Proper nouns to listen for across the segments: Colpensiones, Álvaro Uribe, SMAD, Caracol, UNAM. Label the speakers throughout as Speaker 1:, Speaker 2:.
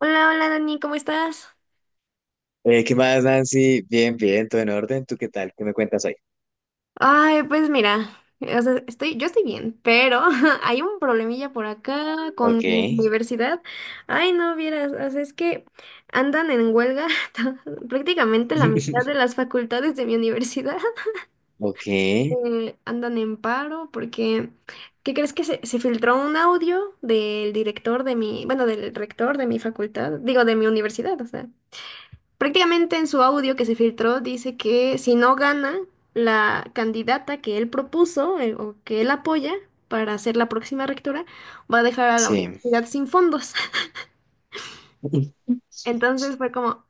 Speaker 1: Hola, hola Dani, ¿cómo estás?
Speaker 2: ¿Qué más, Nancy? Bien, bien, todo en orden. ¿Tú qué tal? ¿Qué me cuentas hoy?
Speaker 1: Ay, pues mira, o sea, yo estoy bien, pero hay un problemilla por acá con
Speaker 2: Ok.
Speaker 1: mi universidad. Ay, no vieras, o sea, es que andan en huelga prácticamente la mitad de las facultades de mi universidad.
Speaker 2: Ok,
Speaker 1: Andan en paro porque, ¿qué crees que se filtró un audio del director de mi, bueno, del rector de mi facultad, digo, de mi universidad, o sea. Prácticamente en su audio que se filtró dice que si no gana la candidata que él propuso, o que él apoya para ser la próxima rectora, va a dejar a la
Speaker 2: sí.
Speaker 1: universidad sin fondos. Entonces fue como,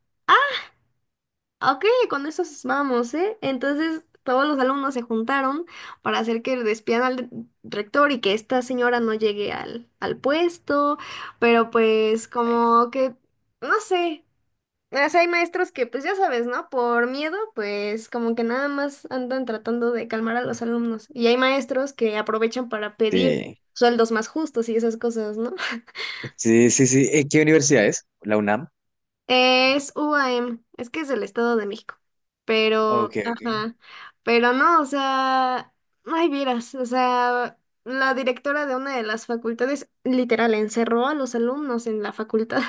Speaker 1: ok, con eso vamos, ¿eh? Entonces todos los alumnos se juntaron para hacer que despidan al rector y que esta señora no llegue al puesto, pero pues
Speaker 2: Ay,
Speaker 1: como que, no sé. O sea, hay maestros que, pues ya sabes, ¿no? Por miedo, pues como que nada más andan tratando de calmar a los alumnos. Y hay maestros que aprovechan para pedir
Speaker 2: sí,
Speaker 1: sueldos más justos y esas cosas, ¿no?
Speaker 2: sí, sí. Sí. ¿Qué universidad es? ¿La UNAM?
Speaker 1: Es UAM, es que es el Estado de México.
Speaker 2: Ok,
Speaker 1: Pero,
Speaker 2: ok.
Speaker 1: ajá, pero no, o sea, ay, vieras, o sea, la directora de una de las facultades literal encerró a los alumnos en la facultad,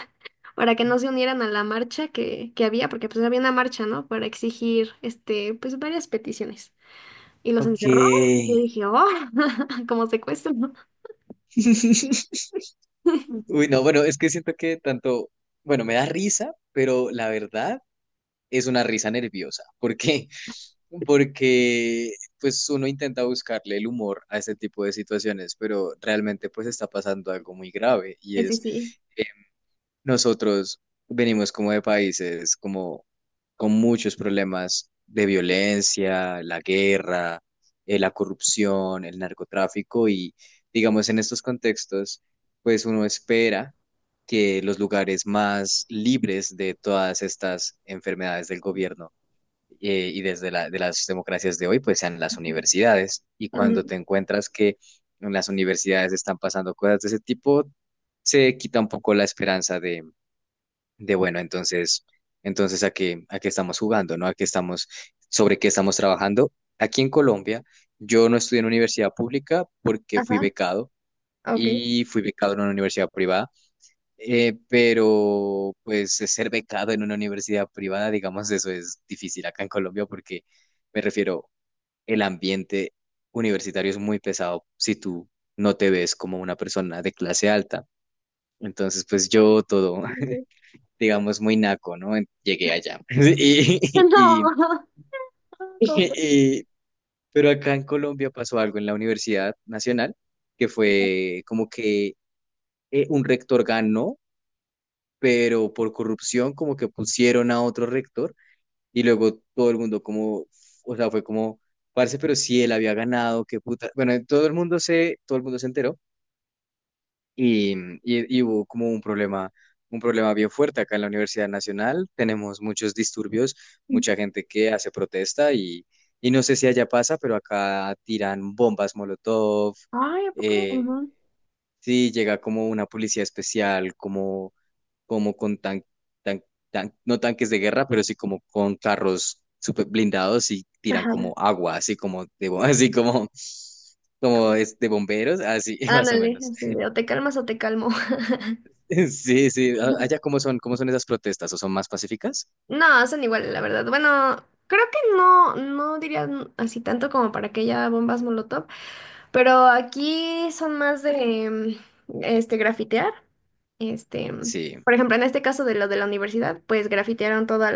Speaker 1: para que no se unieran a la marcha que había, porque pues había una marcha, ¿no? Para exigir, este, pues varias peticiones. Y los
Speaker 2: Ok.
Speaker 1: encerró, y yo dije, oh, como secuestro, ¿no?
Speaker 2: Uy, no, bueno, es que siento que tanto, bueno, me da risa, pero la verdad es una risa nerviosa. ¿Por qué? Porque pues uno intenta buscarle el humor a este tipo de situaciones, pero realmente pues está pasando algo muy grave y
Speaker 1: Sí,
Speaker 2: es.
Speaker 1: sí.
Speaker 2: Nosotros venimos como de países como con muchos problemas de violencia, la guerra, la corrupción, el narcotráfico y digamos en estos contextos, pues uno espera que los lugares más libres de todas estas enfermedades del gobierno y desde la, de las democracias de hoy, pues sean las
Speaker 1: Ujú.
Speaker 2: universidades. Y
Speaker 1: Ujú.
Speaker 2: cuando te encuentras que en las universidades están pasando cosas de ese tipo, se quita un poco la esperanza de bueno, entonces a qué estamos jugando, ¿no? A qué estamos, sobre qué estamos trabajando. Aquí en Colombia, yo no estudié en universidad pública porque fui
Speaker 1: Ajá,
Speaker 2: becado
Speaker 1: ok.
Speaker 2: y fui becado en una universidad privada, pero pues ser becado en una universidad privada, digamos, eso es difícil acá en Colombia porque me refiero, el ambiente universitario es muy pesado si tú no te ves como una persona de clase alta. Entonces, pues yo todo, digamos, muy naco, ¿no? Llegué allá. Y, y- y- pero acá en Colombia pasó algo en la Universidad Nacional, que fue como que un rector ganó, pero por corrupción como que pusieron a otro rector y luego todo el mundo como, o sea, fue como, parce, pero si él había ganado, qué puta. Bueno, todo el mundo se, todo el mundo se enteró. Y hubo como un problema bien fuerte acá en la Universidad Nacional. Tenemos muchos disturbios,
Speaker 1: Ujú.
Speaker 2: mucha gente que hace protesta y no sé si allá pasa, pero acá tiran bombas Molotov.
Speaker 1: Ay, ¿a poco?
Speaker 2: eh,
Speaker 1: Ujú.
Speaker 2: sí, llega como una policía especial, como, como con tan- no tanques de guerra, pero sí como con carros super blindados y tiran
Speaker 1: Ajá.
Speaker 2: como agua, así como de, así como, como
Speaker 1: como-
Speaker 2: es de bomberos, así más o
Speaker 1: Ándale,
Speaker 2: menos.
Speaker 1: así de, o te calmas o te calmo.
Speaker 2: Sí, sí. Allá, cómo son esas protestas? ¿O son más pacíficas?
Speaker 1: No, son iguales, la verdad. Bueno, creo que no, no diría así tanto como para que haya bombas Molotov, pero aquí son más de este grafitear. Este,
Speaker 2: Sí,
Speaker 1: por ejemplo, en este caso de lo de la universidad, pues grafitearon todas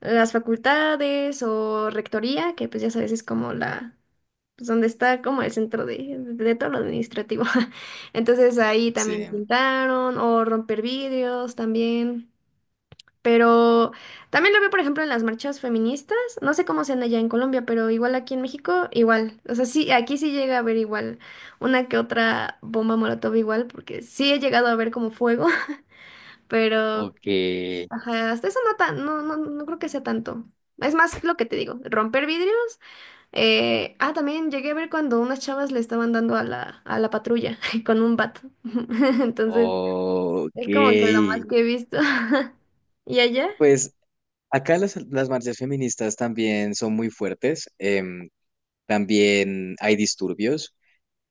Speaker 1: las facultades o rectoría, que pues ya sabes, es como la, pues donde está como el centro de todo lo administrativo. Entonces ahí también
Speaker 2: sí.
Speaker 1: pintaron o romper vidrios también. Pero también lo veo, por ejemplo, en las marchas feministas. No sé cómo sean allá en Colombia, pero igual aquí en México, igual. O sea, sí, aquí sí llega a haber igual una que otra bomba molotov igual, porque sí he llegado a ver como fuego. Pero,
Speaker 2: Ok,
Speaker 1: ajá, hasta eso no, tan, no, no, no creo que sea tanto. Es más lo que te digo, romper vidrios. También llegué a ver cuando unas chavas le estaban dando a la patrulla con un bat. Entonces,
Speaker 2: ok.
Speaker 1: es como que lo más que he visto. ¿Y allá?
Speaker 2: Pues acá las marchas feministas también son muy fuertes. También hay disturbios.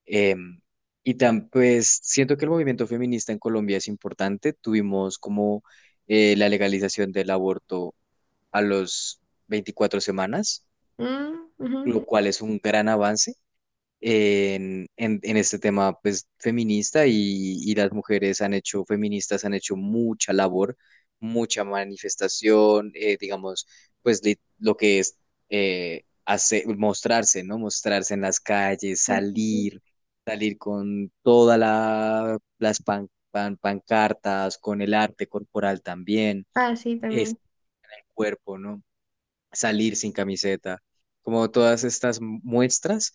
Speaker 2: em, y tan, pues siento que el movimiento feminista en Colombia es importante. Tuvimos como la legalización del aborto a los 24 semanas,
Speaker 1: Mm, ujú,
Speaker 2: lo cual es un gran avance en, en este tema pues, feminista y las mujeres han hecho, feministas han hecho mucha labor, mucha manifestación, digamos, pues lo que es mostrarse, ¿no? Mostrarse en las calles,
Speaker 1: ujú, sí. Sí.
Speaker 2: salir, salir con todas las pancartas, con el arte corporal también,
Speaker 1: Ah, sí,
Speaker 2: este
Speaker 1: también.
Speaker 2: cuerpo, ¿no? Salir sin camiseta, como todas estas muestras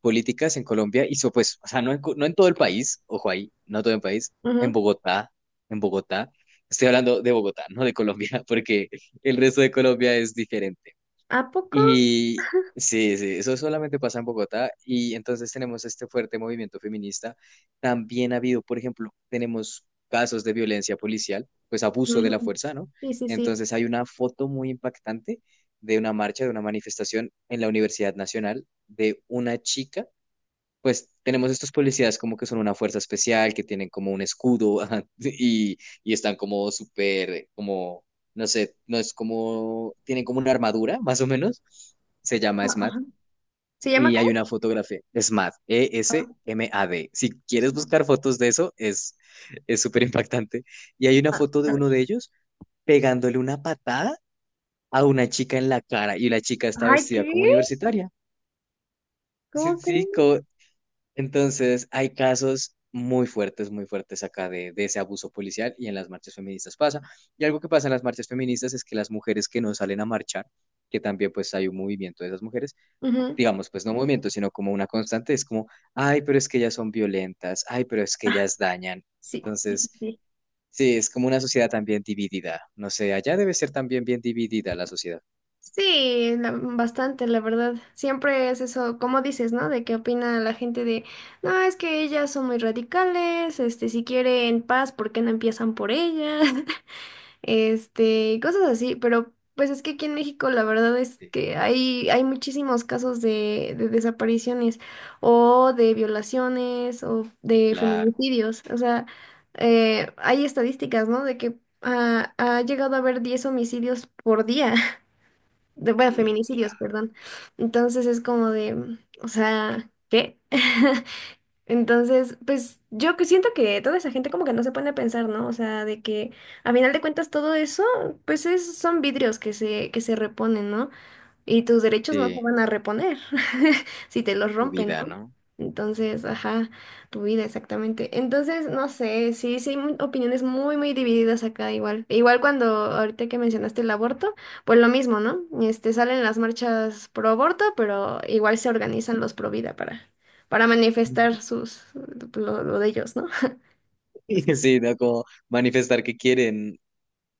Speaker 2: políticas en Colombia, hizo pues, o sea, no en, no en todo el país, ojo ahí, no todo el país, en
Speaker 1: Ujú.
Speaker 2: Bogotá, en Bogotá, estoy hablando de Bogotá, no de Colombia, porque el resto de Colombia es diferente.
Speaker 1: ¿A poco?
Speaker 2: Y sí, sí, eso solamente pasa en Bogotá y entonces tenemos este fuerte movimiento feminista. También ha habido, por ejemplo, tenemos casos de violencia policial, pues abuso de
Speaker 1: Ujú.
Speaker 2: la fuerza, ¿no?
Speaker 1: Sí, sí, sí.
Speaker 2: Entonces hay una foto muy impactante de una marcha, de una manifestación en la Universidad Nacional de una chica, pues tenemos estos policías como que son una fuerza especial, que tienen como un escudo ajá, y están como súper, como, no sé, no es como, tienen como una armadura, más o menos, se llama
Speaker 1: Ah,
Speaker 2: SMAD.
Speaker 1: ajá. ¿Se llama
Speaker 2: Y hay
Speaker 1: cómo?
Speaker 2: una fotografía, SMAD,
Speaker 1: Ah,
Speaker 2: ESMAD. Si
Speaker 1: es-
Speaker 2: quieres buscar fotos de eso, es súper impactante. Y hay una
Speaker 1: ah,
Speaker 2: foto de
Speaker 1: a ver.
Speaker 2: uno de ellos pegándole una patada a una chica en la cara y la chica está
Speaker 1: Ay,
Speaker 2: vestida como
Speaker 1: ¿qué?
Speaker 2: universitaria. Sí,
Speaker 1: ¿Cómo
Speaker 2: sí,
Speaker 1: crees?
Speaker 2: entonces, hay casos muy fuertes acá de ese abuso policial y en las marchas feministas pasa. Y algo que pasa en las marchas feministas es que las mujeres que no salen a marchar, que también pues hay un movimiento de esas mujeres,
Speaker 1: Ujú.
Speaker 2: digamos, pues no movimiento, sino como una constante, es como, ay, pero es que ellas son violentas, ay, pero es que ellas dañan.
Speaker 1: Sí, sí,
Speaker 2: Entonces,
Speaker 1: sí.
Speaker 2: sí, es como una sociedad también dividida. No sé, allá debe ser también bien dividida la sociedad.
Speaker 1: Sí, la- bastante, la verdad. Siempre es eso, como dices, ¿no? De qué opina la gente de, no, es que ellas son muy radicales, este, si quieren paz, ¿por qué no empiezan por ellas? Este, cosas así, pero pues es que aquí en México la verdad es
Speaker 2: Sí,
Speaker 1: que hay muchísimos casos de desapariciones o de violaciones o de
Speaker 2: claro,
Speaker 1: feminicidios, o sea, hay estadísticas, ¿no? De que ha llegado a haber 10 homicidios por día, de, bueno,
Speaker 2: uy,
Speaker 1: feminicidios,
Speaker 2: claro.
Speaker 1: perdón. Entonces es como de, o sea, ¿qué? Entonces, pues yo que siento que toda esa gente como que no se pone a pensar, ¿no? O sea, de que a final de cuentas todo eso, pues es, son vidrios que que se reponen, ¿no? Y tus derechos no se
Speaker 2: Sí,
Speaker 1: van a reponer si te los
Speaker 2: tu
Speaker 1: rompen, ¿no?
Speaker 2: vida, ¿no?
Speaker 1: Entonces, ajá, tu vida exactamente. Entonces, no sé, sí, sí, hay opiniones muy, muy divididas acá igual. Igual cuando ahorita que mencionaste el aborto, pues lo mismo, ¿no? Este, salen las marchas pro aborto, pero igual se organizan los pro vida para manifestar sus, lo de ellos, ¿no?
Speaker 2: Sí, ¿no? Como manifestar que quieren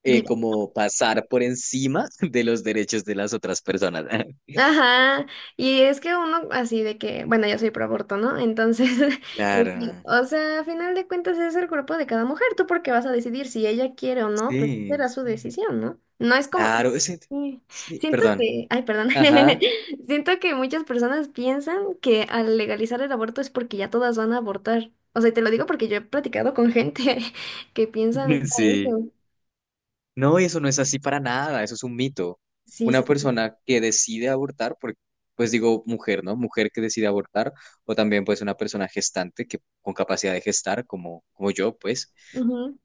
Speaker 2: como pasar por encima de los derechos de las otras personas.
Speaker 1: Ajá, y es que uno así de que, bueno, yo soy pro aborto, ¿no? Entonces, este,
Speaker 2: Claro,
Speaker 1: o sea, a final de cuentas es el cuerpo de cada mujer, tú porque vas a decidir si ella quiere o no, pues
Speaker 2: sí,
Speaker 1: será su
Speaker 2: sí.
Speaker 1: decisión, ¿no? No es como,
Speaker 2: Claro,
Speaker 1: sí.
Speaker 2: sí,
Speaker 1: Siento
Speaker 2: perdón.
Speaker 1: que, ay, perdón,
Speaker 2: Ajá,
Speaker 1: siento que muchas personas piensan que al legalizar el aborto es porque ya todas van a abortar. O sea, y te lo digo porque yo he platicado con gente que piensan
Speaker 2: sí.
Speaker 1: eso.
Speaker 2: No, y eso no es así para nada, eso es un mito.
Speaker 1: Sí,
Speaker 2: Una
Speaker 1: sí, sí.
Speaker 2: persona que decide abortar, porque, pues digo mujer, ¿no? Mujer que decide abortar, o también pues una persona gestante que con capacidad de gestar, como, como yo, pues,
Speaker 1: Ujú,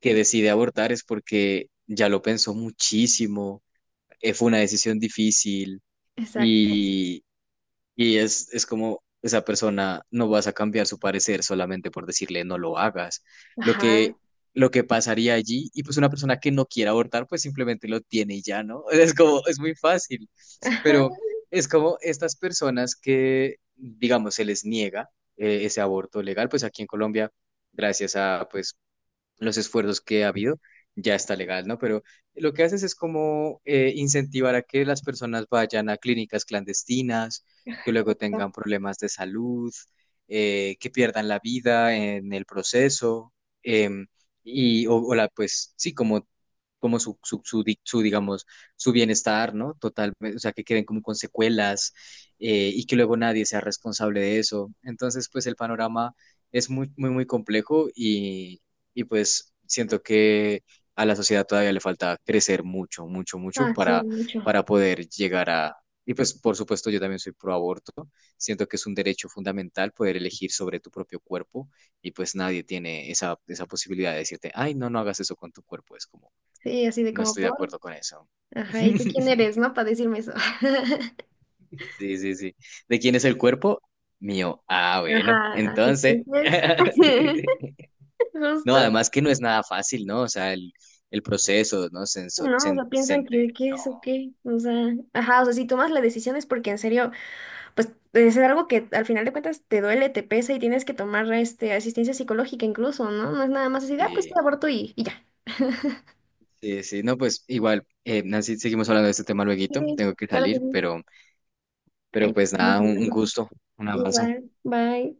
Speaker 2: que decide abortar es porque ya lo pensó muchísimo, fue una decisión difícil.
Speaker 1: exacto.
Speaker 2: Y, y es como esa persona no vas a cambiar su parecer solamente por decirle no lo hagas. Lo
Speaker 1: Ajá.
Speaker 2: que, lo que pasaría allí, y pues una persona que no quiera abortar, pues simplemente lo tiene y ya, ¿no? Es como, es muy fácil.
Speaker 1: Ajá.
Speaker 2: Pero es como estas personas que, digamos, se les niega ese aborto legal, pues aquí en Colombia, gracias a pues los esfuerzos que ha habido, ya está legal, ¿no? Pero lo que haces es como incentivar a que las personas vayan a clínicas clandestinas, que luego tengan problemas de salud, que pierdan la vida en el proceso, em, y, o la, pues sí, como como su, digamos, su bienestar, ¿no? Total, o sea, que queden como con secuelas y que luego nadie sea responsable de eso. Entonces, pues el panorama es muy, muy, muy complejo y pues siento que a la sociedad todavía le falta crecer mucho, mucho, mucho
Speaker 1: Ah, sí, mucho.
Speaker 2: para poder llegar a... Y pues, por supuesto, yo también soy pro aborto. Siento que es un derecho fundamental poder elegir sobre tu propio cuerpo y pues nadie tiene esa, esa posibilidad de decirte, ay, no, no hagas eso con tu cuerpo. Es como
Speaker 1: Sí, así de
Speaker 2: no
Speaker 1: como
Speaker 2: estoy de
Speaker 1: por.
Speaker 2: acuerdo con eso.
Speaker 1: Ajá, ¿y tú quién eres, no? Para decirme eso.
Speaker 2: Sí, sí, sí. ¿De quién es el cuerpo? Mío. Ah, bueno,
Speaker 1: Ajá, así
Speaker 2: entonces.
Speaker 1: entonces.
Speaker 2: No,
Speaker 1: Justo.
Speaker 2: además que no es nada fácil, ¿no? O sea, el proceso, ¿no? Sensor,
Speaker 1: No, o
Speaker 2: sen-
Speaker 1: sea, piensan
Speaker 2: sen-
Speaker 1: que,
Speaker 2: de- no,
Speaker 1: es o qué. O sea, ajá, o sea, si tomas la decisión es porque en serio, pues es algo que al final de cuentas te duele, te pesa y tienes que tomar este, asistencia psicológica incluso, ¿no? No es nada más así, de, ah, pues te
Speaker 2: sí,
Speaker 1: aborto y ya.
Speaker 2: sí, sí, no, pues igual, Nancy, seguimos hablando de este tema lueguito,
Speaker 1: Sí,
Speaker 2: tengo que
Speaker 1: claro que
Speaker 2: salir,
Speaker 1: sí. Ahí
Speaker 2: pero pues
Speaker 1: estamos
Speaker 2: nada, un
Speaker 1: hablando.
Speaker 2: gusto, un abrazo.
Speaker 1: Igual, bye.